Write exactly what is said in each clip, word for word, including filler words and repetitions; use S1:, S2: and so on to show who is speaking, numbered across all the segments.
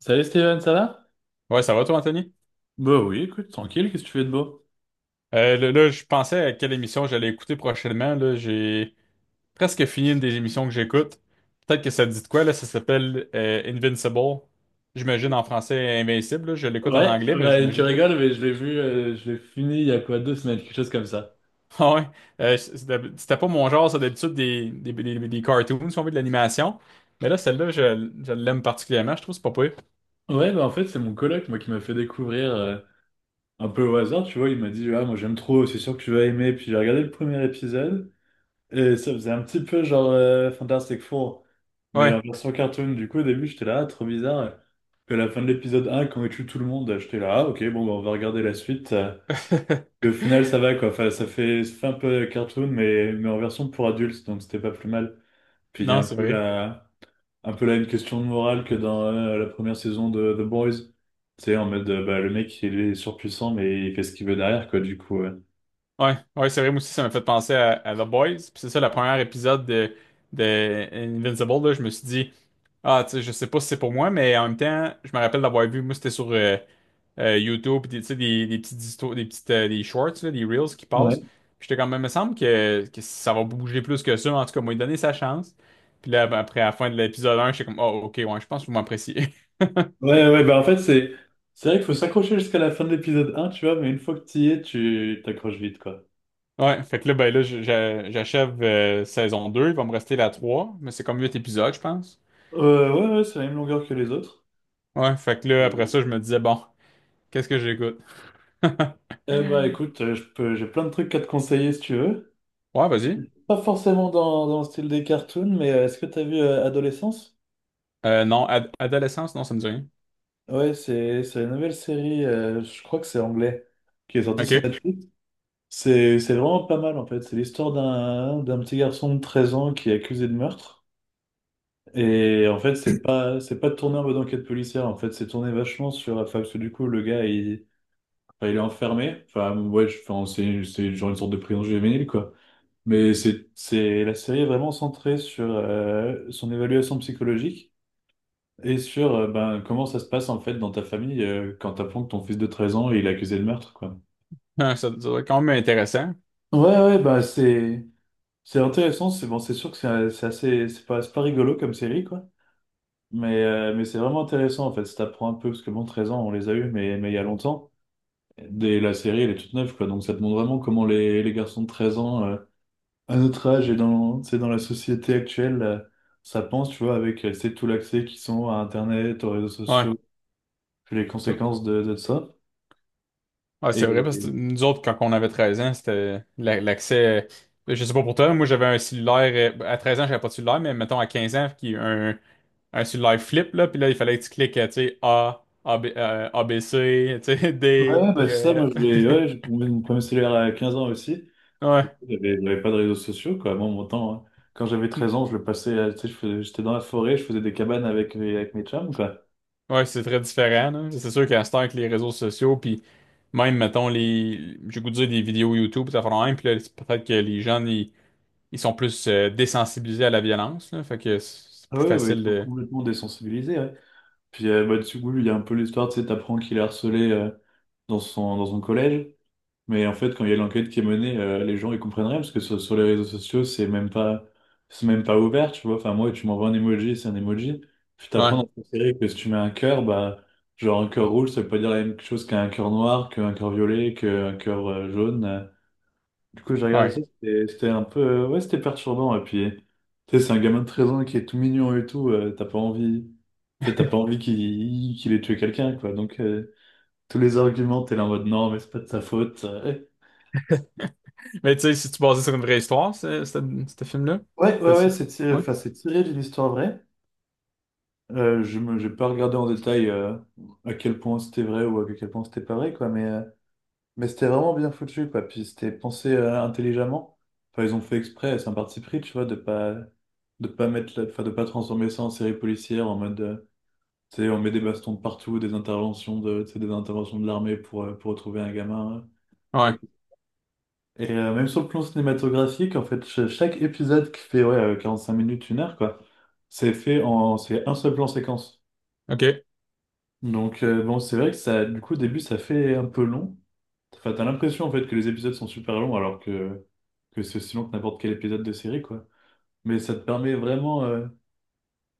S1: Salut Steven, ça va?
S2: Ouais, ça va toi, Anthony?
S1: Bah oui, écoute, tranquille, qu'est-ce que tu fais de beau?
S2: Euh, là, là, je pensais à quelle émission j'allais écouter prochainement. Là, j'ai presque fini une des émissions que j'écoute. Peut-être que ça te dit de quoi, là, ça s'appelle euh, Invincible. J'imagine en français Invincible, là. Je l'écoute en
S1: Ouais,
S2: anglais, mais
S1: bah, tu
S2: j'imagine.
S1: rigoles, mais je l'ai vu, euh, je l'ai fini il y a quoi, deux semaines, quelque chose comme ça.
S2: Ah ouais. Euh, c'était c'était pas mon genre, ça, d'habitude, des, des, des, des cartoons, si on veut, de l'animation. Mais là, celle-là, je, je l'aime particulièrement, je trouve que c'est pas pire.
S1: Ouais, bah en fait, c'est mon coloc, moi, qui m'a fait découvrir euh, un peu au hasard, tu vois, il m'a dit, ah, moi j'aime trop, c'est sûr que tu vas aimer, puis j'ai regardé le premier épisode, et ça faisait un petit peu genre euh, Fantastic Four, mais en
S2: Ouais.
S1: version cartoon, du coup, au début, j'étais là, ah, trop bizarre, puis à la fin de l'épisode un, quand il tue tout le monde, j'étais là, ah, ok, bon, bah, on va regarder la suite. euh, Et au final, ça va, quoi. Enfin, ça fait, ça fait un peu cartoon, mais, mais en version pour adultes, donc c'était pas plus mal. Puis il y a
S2: Non,
S1: un
S2: c'est
S1: peu
S2: vrai.
S1: la, un peu là une question de morale que dans euh, la première saison de The Boys. Tu sais, en mode, euh, bah, le mec, il est surpuissant, mais il fait ce qu'il veut derrière, quoi, du coup. Ouais.
S2: Ouais, ouais, c'est vrai, moi aussi, ça m'a fait penser à, à The Boys. Puis c'est ça, le premier épisode de, de Invincible, là, je me suis dit, ah, tu sais, je sais pas si c'est pour moi, mais en même temps, je me rappelle d'avoir vu, moi, c'était sur euh, euh, YouTube, puis des- tu sais, des, des petites histoires, des petites, euh, des shorts, là, des reels qui passent.
S1: Ouais.
S2: Puis j'étais quand même, me semble que, que ça va bouger plus que ça, mais en tout cas, moi, il donné sa chance. Puis là, ben, après, à la fin de l'épisode un, j'étais comme, oh, ok, ouais, je pense que vous m'appréciez.
S1: Ouais, ouais, bah en fait, c'est c'est vrai qu'il faut s'accrocher jusqu'à la fin de l'épisode un tu vois, mais une fois que tu y es, tu t'accroches vite, quoi.
S2: Ouais, fait que là, ben là, je- je- j'achève euh, saison deux. Il va me rester la trois, mais c'est comme huit épisodes, je pense.
S1: Euh, ouais, ouais, c'est la même longueur que les autres.
S2: Ouais, fait que là, après
S1: Mhm.
S2: ça, je me disais, bon, qu'est-ce que j'écoute?
S1: Eh bah écoute, euh, je peux, j'ai plein de trucs à te conseiller si tu veux.
S2: Ouais, vas-y.
S1: Pas forcément dans, dans le style des cartoons, mais euh, est-ce que t'as vu euh, Adolescence?
S2: Euh, non, ad- adolescence, non, ça me dit rien.
S1: Ouais, c'est c'est la nouvelle série, euh, je crois que c'est anglais, qui est sortie sur
S2: OK.
S1: Netflix. C'est c'est vraiment pas mal en fait. C'est l'histoire d'un d'un petit garçon de treize ans qui est accusé de meurtre. Et en fait, c'est pas c'est pas tourné en mode enquête policière. En fait, c'est tourné vachement sur. Enfin, parce que du coup, le gars, il, enfin, il est enfermé. Enfin, ouais, je- enfin, c'est c'est genre une sorte de prison juvénile quoi. Mais c'est c'est la série est vraiment centrée sur euh, son évaluation psychologique. Et sur euh, ben, comment ça se passe en fait dans ta famille euh, quand t'apprends que ton fils de treize ans il est accusé de meurtre quoi.
S2: Ah, Ça, ça doit être quand même intéressant.
S1: Ouais ouais bah c'est c'est intéressant c'est bon c'est sûr que c'est euh, c'est assez c'est pas c'est pas rigolo comme série quoi mais euh, mais c'est vraiment intéressant en fait ça t'apprend un peu parce que bon treize ans on les a eu mais mais il y a longtemps dès la série elle est toute neuve quoi donc ça te montre vraiment comment les, les garçons de treize ans euh, à notre âge et dans c'est dans la société actuelle euh, ça pense tu vois avec euh, c'est tout l'accès qu'ils ont à internet aux réseaux
S2: Ouais.
S1: sociaux puis les
S2: Ça-
S1: conséquences de, de ça.
S2: ouais, c'est vrai, parce que
S1: Et
S2: nous autres, quand on avait treize ans, c'était la- l'accès. euh, Je sais pas pour toi, moi j'avais un cellulaire. euh, À treize ans, j'avais pas de cellulaire, mais mettons à quinze ans, qui un, un cellulaire flip, là, puis là, il fallait que tu cliques, euh, tu sais, A, A, B, euh, A B C, tu sais,
S1: ouais,
S2: D,
S1: ouais, bah,
S2: D,
S1: c'est ça,
S2: E,
S1: moi, je
S2: F.
S1: voulais, ouais, j'ai eu mon premier cellulaire à quinze ans aussi. Puis,
S2: Ouais.
S1: j'avais j'avais pas de réseaux sociaux, quoi. Moi, mon temps, hein. Quand j'avais treize ans, je le passais, à- tu sais, je faisais- j'étais dans la forêt, je faisais des cabanes avec mes, avec mes chums, quoi.
S2: Ouais, c'est très différent, là. C'est sûr qu'à cette heure, avec les réseaux sociaux, puis même, mettons, les... j'ai goût de dire des vidéos YouTube, ça fait même, puis là, c'est peut-être que les jeunes, ils, ils sont plus euh, désensibilisés à la violence, là. Fait que c'est
S1: Ah
S2: plus
S1: ouais, ouais, ils
S2: facile
S1: sont
S2: de.
S1: complètement désensibilisés, ouais. Puis, euh, bah, du coup, il y a un peu l'histoire, tu sais, t'apprends qu'il est harcelé, euh, dans son, dans son collège. Mais en fait, quand il y a l'enquête qui est menée, euh, les gens ils comprennent rien parce que sur, sur les réseaux sociaux, c'est même pas, c'est même pas ouvert, tu vois. Enfin, moi, tu m'envoies un emoji, c'est un emoji. Puis t'apprends
S2: Ouais,
S1: dans cette série que si tu mets un cœur, bah, genre un cœur rouge, ça veut pas dire la même chose qu'un cœur noir, qu'un cœur violet, qu'un cœur euh, jaune. Du coup, j'ai regardé ça,
S2: ouais.
S1: c'était c'était un peu, euh, ouais, c'était perturbant. Et puis, tu sais, c'est un gamin de treize ans qui est tout mignon et tout, euh, t'as pas envie, tu sais, t'as pas envie qu'il qu'il ait tué quelqu'un, quoi. Donc, euh, tous les arguments, t'es là en mode non, mais c'est pas de sa faute.
S2: Mais tu sais, si tu basais sur une vraie histoire, ce ce- ce film-là,
S1: Ouais, ouais, ouais,
S2: c'est-
S1: c'est tiré,
S2: ouais,
S1: enfin, c'est tiré d'une histoire vraie. Euh, je me, j'ai pas regardé en détail euh, à quel point c'était vrai ou à quel point c'était pas vrai, quoi, mais, euh, mais c'était vraiment bien foutu, quoi. Puis c'était pensé euh, intelligemment. Enfin, ils ont fait exprès, c'est un parti pris, tu vois, de pas, de pas mettre, la- enfin, de pas transformer ça en série policière en mode, euh, tu sais, on met des bastons de partout, des interventions de, tu sais, des interventions de l'armée pour, euh, pour retrouver un gamin. euh,
S2: ouais,
S1: Et euh, même sur le plan cinématographique, en fait, ch- chaque épisode qui fait ouais, euh, cinq minutes, une heure, quoi, c'est fait en c'est un seul plan séquence.
S2: ok.
S1: Donc euh, bon, c'est vrai que ça, du coup, au début, ça fait un peu long. Enfin, t'as l'impression en fait que les épisodes sont super longs alors que, que c'est aussi long que n'importe quel épisode de série, quoi. Mais ça te permet vraiment, euh,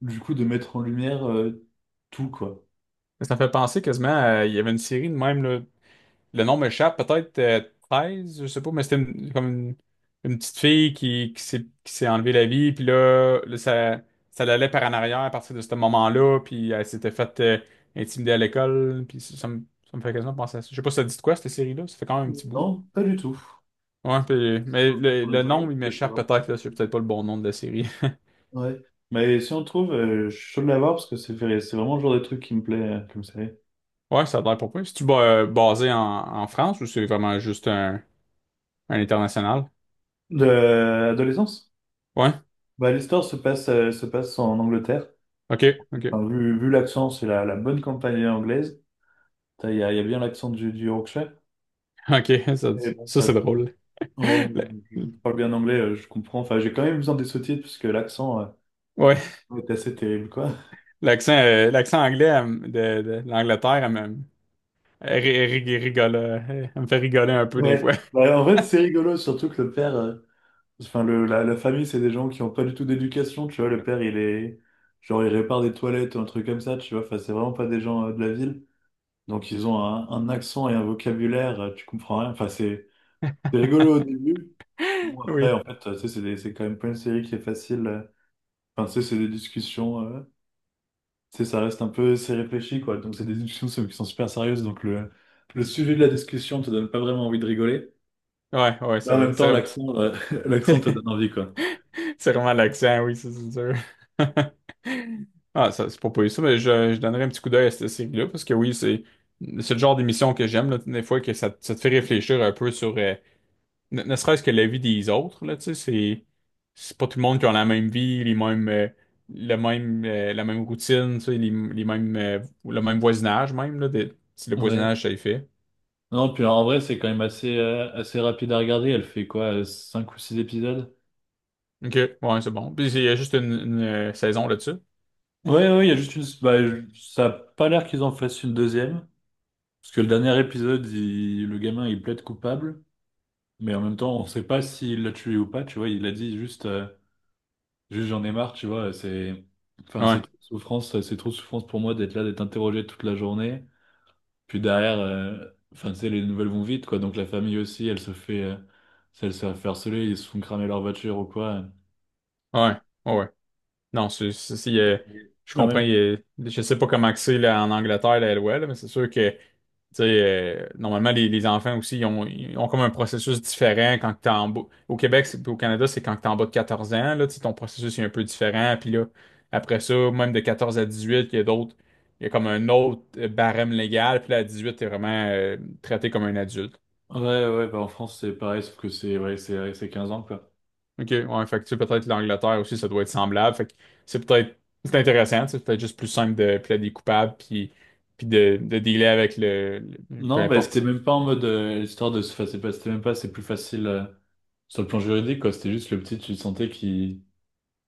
S1: du coup, de mettre en lumière euh, tout, quoi.
S2: Ça me fait penser quasiment à. Il y avait une série de même, là. Le nom m'échappe, peut-être euh, treize, je sais pas, mais c'était une- comme une, une petite fille qui, qui s'est qui s'est enlevée la vie, puis là, là, ça, ça l'allait par en arrière à partir de ce moment-là, puis elle s'était faite euh, intimider à l'école, puis ça, ça me, ça me fait quasiment penser à ça. Je sais pas, si ça dit de quoi cette série-là? Ça fait quand même un petit bout, là.
S1: Non, pas du tout.
S2: Ouais, puis-
S1: Si je
S2: mais le,
S1: reprends la
S2: le
S1: journée, parce
S2: nom, il
S1: que c'est
S2: m'échappe
S1: vraiment
S2: peut-être,
S1: très
S2: là, c'est
S1: cool.
S2: peut-être pas le bon nom de la série.
S1: Ouais. Mais si on trouve, euh, je suis chaud de l'avoir parce que c'est c'est vraiment le genre de truc qui me plaît euh, comme ça.
S2: Ouais, ça a l'air pas pire. C'est-tu ba- basé en, en France ou c'est vraiment juste un, un international?
S1: De euh, adolescence.
S2: Ouais,
S1: Bah, l'histoire se passe, euh, se passe en Angleterre.
S2: ok, ok.
S1: Enfin, vu vu l'accent, c'est la, la bonne campagne anglaise. T'as- Il y a, il y a bien l'accent du, du Yorkshire.
S2: Ok, ça,
S1: Et bon,
S2: ça,
S1: enfin,
S2: c'est
S1: je,
S2: drôle.
S1: ouais,
S2: Le-
S1: je parle bien anglais, euh, je comprends. Enfin, j'ai quand même besoin des sous-titres parce que l'accent euh,
S2: Ouais,
S1: est assez terrible, quoi.
S2: l'accent euh, l'accent anglais elle de, de l'Angleterre, elle me, elle ri- ri- rigole, euh, elle me fait rigoler un peu des fois.
S1: Ouais. Bah, en fait, c'est rigolo, surtout que le père, euh, enfin, le, la, la famille, c'est des gens qui n'ont pas du tout d'éducation, tu vois. Le père, il est, genre, il répare des toilettes ou un truc comme ça, tu vois. Enfin, c'est vraiment pas des gens euh, de la ville. Donc ils ont un, un accent et un vocabulaire, euh, tu comprends rien. Enfin, c'est c'est rigolo au début. Mais bon, après,
S2: Oui,
S1: en fait, euh, tu sais, c'est des- c'est quand même pas une série qui est facile. euh. Enfin, tu sais, c'est des discussions. euh, tu sais, ça reste un peu, c'est réfléchi, quoi. Donc c'est des discussions qui sont qui sont super sérieuses. Donc le, le sujet de la discussion te donne pas vraiment envie de rigoler.
S2: ouais, ouais,
S1: Mais
S2: c'est
S1: en
S2: vrai.
S1: même
S2: C'est
S1: temps,
S2: vrai-
S1: l'accent, euh, l'accent te donne envie, quoi.
S2: c'est vraiment l'accent, oui, ça, c'est sûr. Ah, ça, c'est pas pour ça, mais je, je donnerai un petit coup d'œil à cette série-là, parce que oui, c'est c'est le genre d'émission que j'aime, là, des fois, que ça, ça te fait réfléchir un peu sur, euh, Ne, ne serait-ce que la vie des autres, là, tu sais, c'est, c'est pas tout le monde qui a la même vie, les mêmes, euh, le même, euh, la même routine, tu sais, les, les mêmes, euh, le même voisinage même, là, de- si le
S1: Ouais.
S2: voisinage, ça y fait.
S1: Non, puis en vrai, c'est quand même assez, euh, assez rapide à regarder. Elle fait quoi, euh, cinq ou six épisodes?
S2: OK, ouais, c'est bon. Puis il y a juste une, une, euh, saison là-dessus.
S1: Ouais, ouais, il y a juste une. Bah, je- ça a pas l'air qu'ils en fassent une deuxième. Parce que le dernier épisode, il- le gamin, il plaide coupable, mais en même temps, on sait pas s'il l'a tué ou pas, tu vois, il a dit juste, euh, juste j'en ai marre, tu vois, c'est, enfin, c'est
S2: Ouais,
S1: trop de souffrance, c'est trop de souffrance pour moi d'être là, d'être interrogé toute la journée. Puis derrière, euh, enfin, tu sais, les nouvelles vont vite, quoi, donc la famille aussi, elle se fait, euh, elle se fait harceler, ils se font cramer leur voiture ou quoi.
S2: ouais, ouais. Ouais. Non, c'est, c'est- c'est, euh, je
S1: Mais en
S2: comprends.
S1: même
S2: Euh, je sais pas comment que c'est là, en Angleterre, la LOL, là, mais c'est sûr que tu sais, euh, normalement, les, les enfants aussi, ils ont, ils ont comme un processus différent quand t'es en bas. Au Québec c'est- puis au Canada, c'est quand t'es en bas de quatorze ans, là, tu sais, ton processus est un peu différent. Puis là, après ça, même de quatorze à dix-huit, il y a d'autres, il y a comme un autre euh, barème légal. Puis là, à dix-huit, t'es vraiment euh, traité comme un adulte.
S1: ouais, ouais, bah en France c'est pareil, sauf que c'est ouais, c'est c'est quinze ans quoi.
S2: OK, ouais, fait que tu sais, peut-être l'Angleterre aussi, ça doit être semblable. Fait que c'est peut-être c'est intéressant, tu sais, c'est peut-être juste plus simple de plaider des coupables puis, puis de, de dealer avec le, le- peu
S1: Non, bah c'était
S2: importe,
S1: même pas en mode euh, l'histoire de se enfin, c'est pas- c'était même pas, c'est plus facile. euh, Sur le plan juridique, quoi, c'était juste le petit, tu sentais qu'il.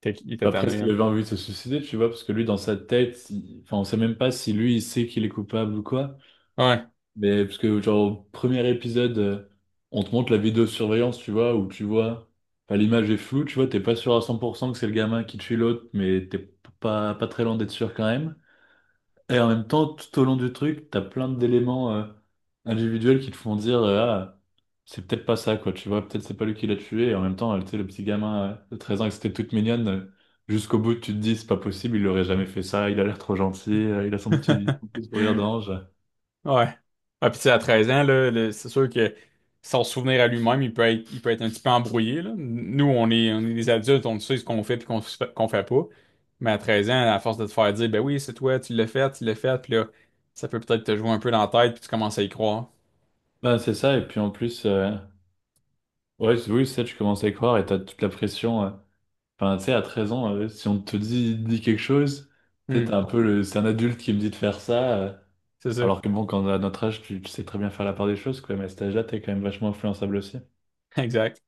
S2: t'es- il était
S1: Bah, presque
S2: tanné,
S1: qu'il
S2: hein.
S1: avait envie de se suicider, tu vois, parce que lui, dans sa tête, il- enfin, on sait même pas si lui, il sait qu'il est coupable ou quoi.
S2: Ouais.
S1: Mais parce que, genre, au premier épisode, euh, on te montre la vidéosurveillance, tu vois, où tu vois, enfin, l'image est floue, tu vois, t'es pas sûr à cent pour cent que c'est le gamin qui tue l'autre, mais t'es p- pas, pas très loin d'être sûr quand même. Et en même temps, tout au long du truc, t'as plein d'éléments euh, individuels qui te font dire euh, ah, c'est peut-être pas ça, quoi. Tu vois, peut-être c'est pas lui qui l'a tué. Et en même temps, euh, tu sais, le petit gamin euh, de treize ans, que c'était toute mignonne, euh, jusqu'au bout, tu te dis c'est pas possible, il aurait jamais fait ça, il a l'air trop gentil, euh, il a son petit, son petit sourire d'ange.
S2: Ouais. Ah, puis tu sais, à treize ans, là, le- c'est sûr que sans se souvenir à lui-même, il peut être, il peut être un petit peu embrouillé, là. Nous, on est, on est des adultes, on sait ce qu'on fait puis qu'on se fait- qu'on fait pas. Mais à treize ans, à force de te faire dire, ben oui, c'est toi, tu l'as fait, tu l'as fait, puis là, ça peut peut-être te jouer un peu dans la tête puis tu commences à y croire.
S1: Ben c'est ça. Et puis en plus, euh, ouais, c'est- oui, ça, tu commences à y croire et t'as toute la pression. euh, Enfin, tu sais, à treize ans, euh, si on te dit, dit quelque chose, tu sais, t'es
S2: Hmm,
S1: un peu le... C'est un adulte qui me dit de faire ça. euh,
S2: c'est ça.
S1: Alors que bon, quand on a notre âge, tu, tu sais très bien faire la part des choses, quoi. Mais à cet âge-là, t'es quand même vachement influençable aussi.
S2: Exact.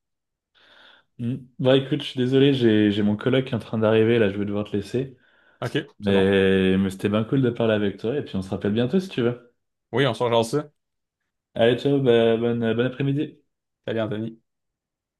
S1: Mm. Bah écoute, je suis désolé, j'ai j'ai mon coloc qui est en train d'arriver, là, je vais devoir te laisser.
S2: OK, c'est bon.
S1: Mais, mais c'était bien cool de parler avec toi, et puis on se rappelle bientôt si tu veux.
S2: Oui, on se rejoint ça.
S1: Allez, ciao, bah, bonne, bon après-midi.
S2: Salut, Anthony.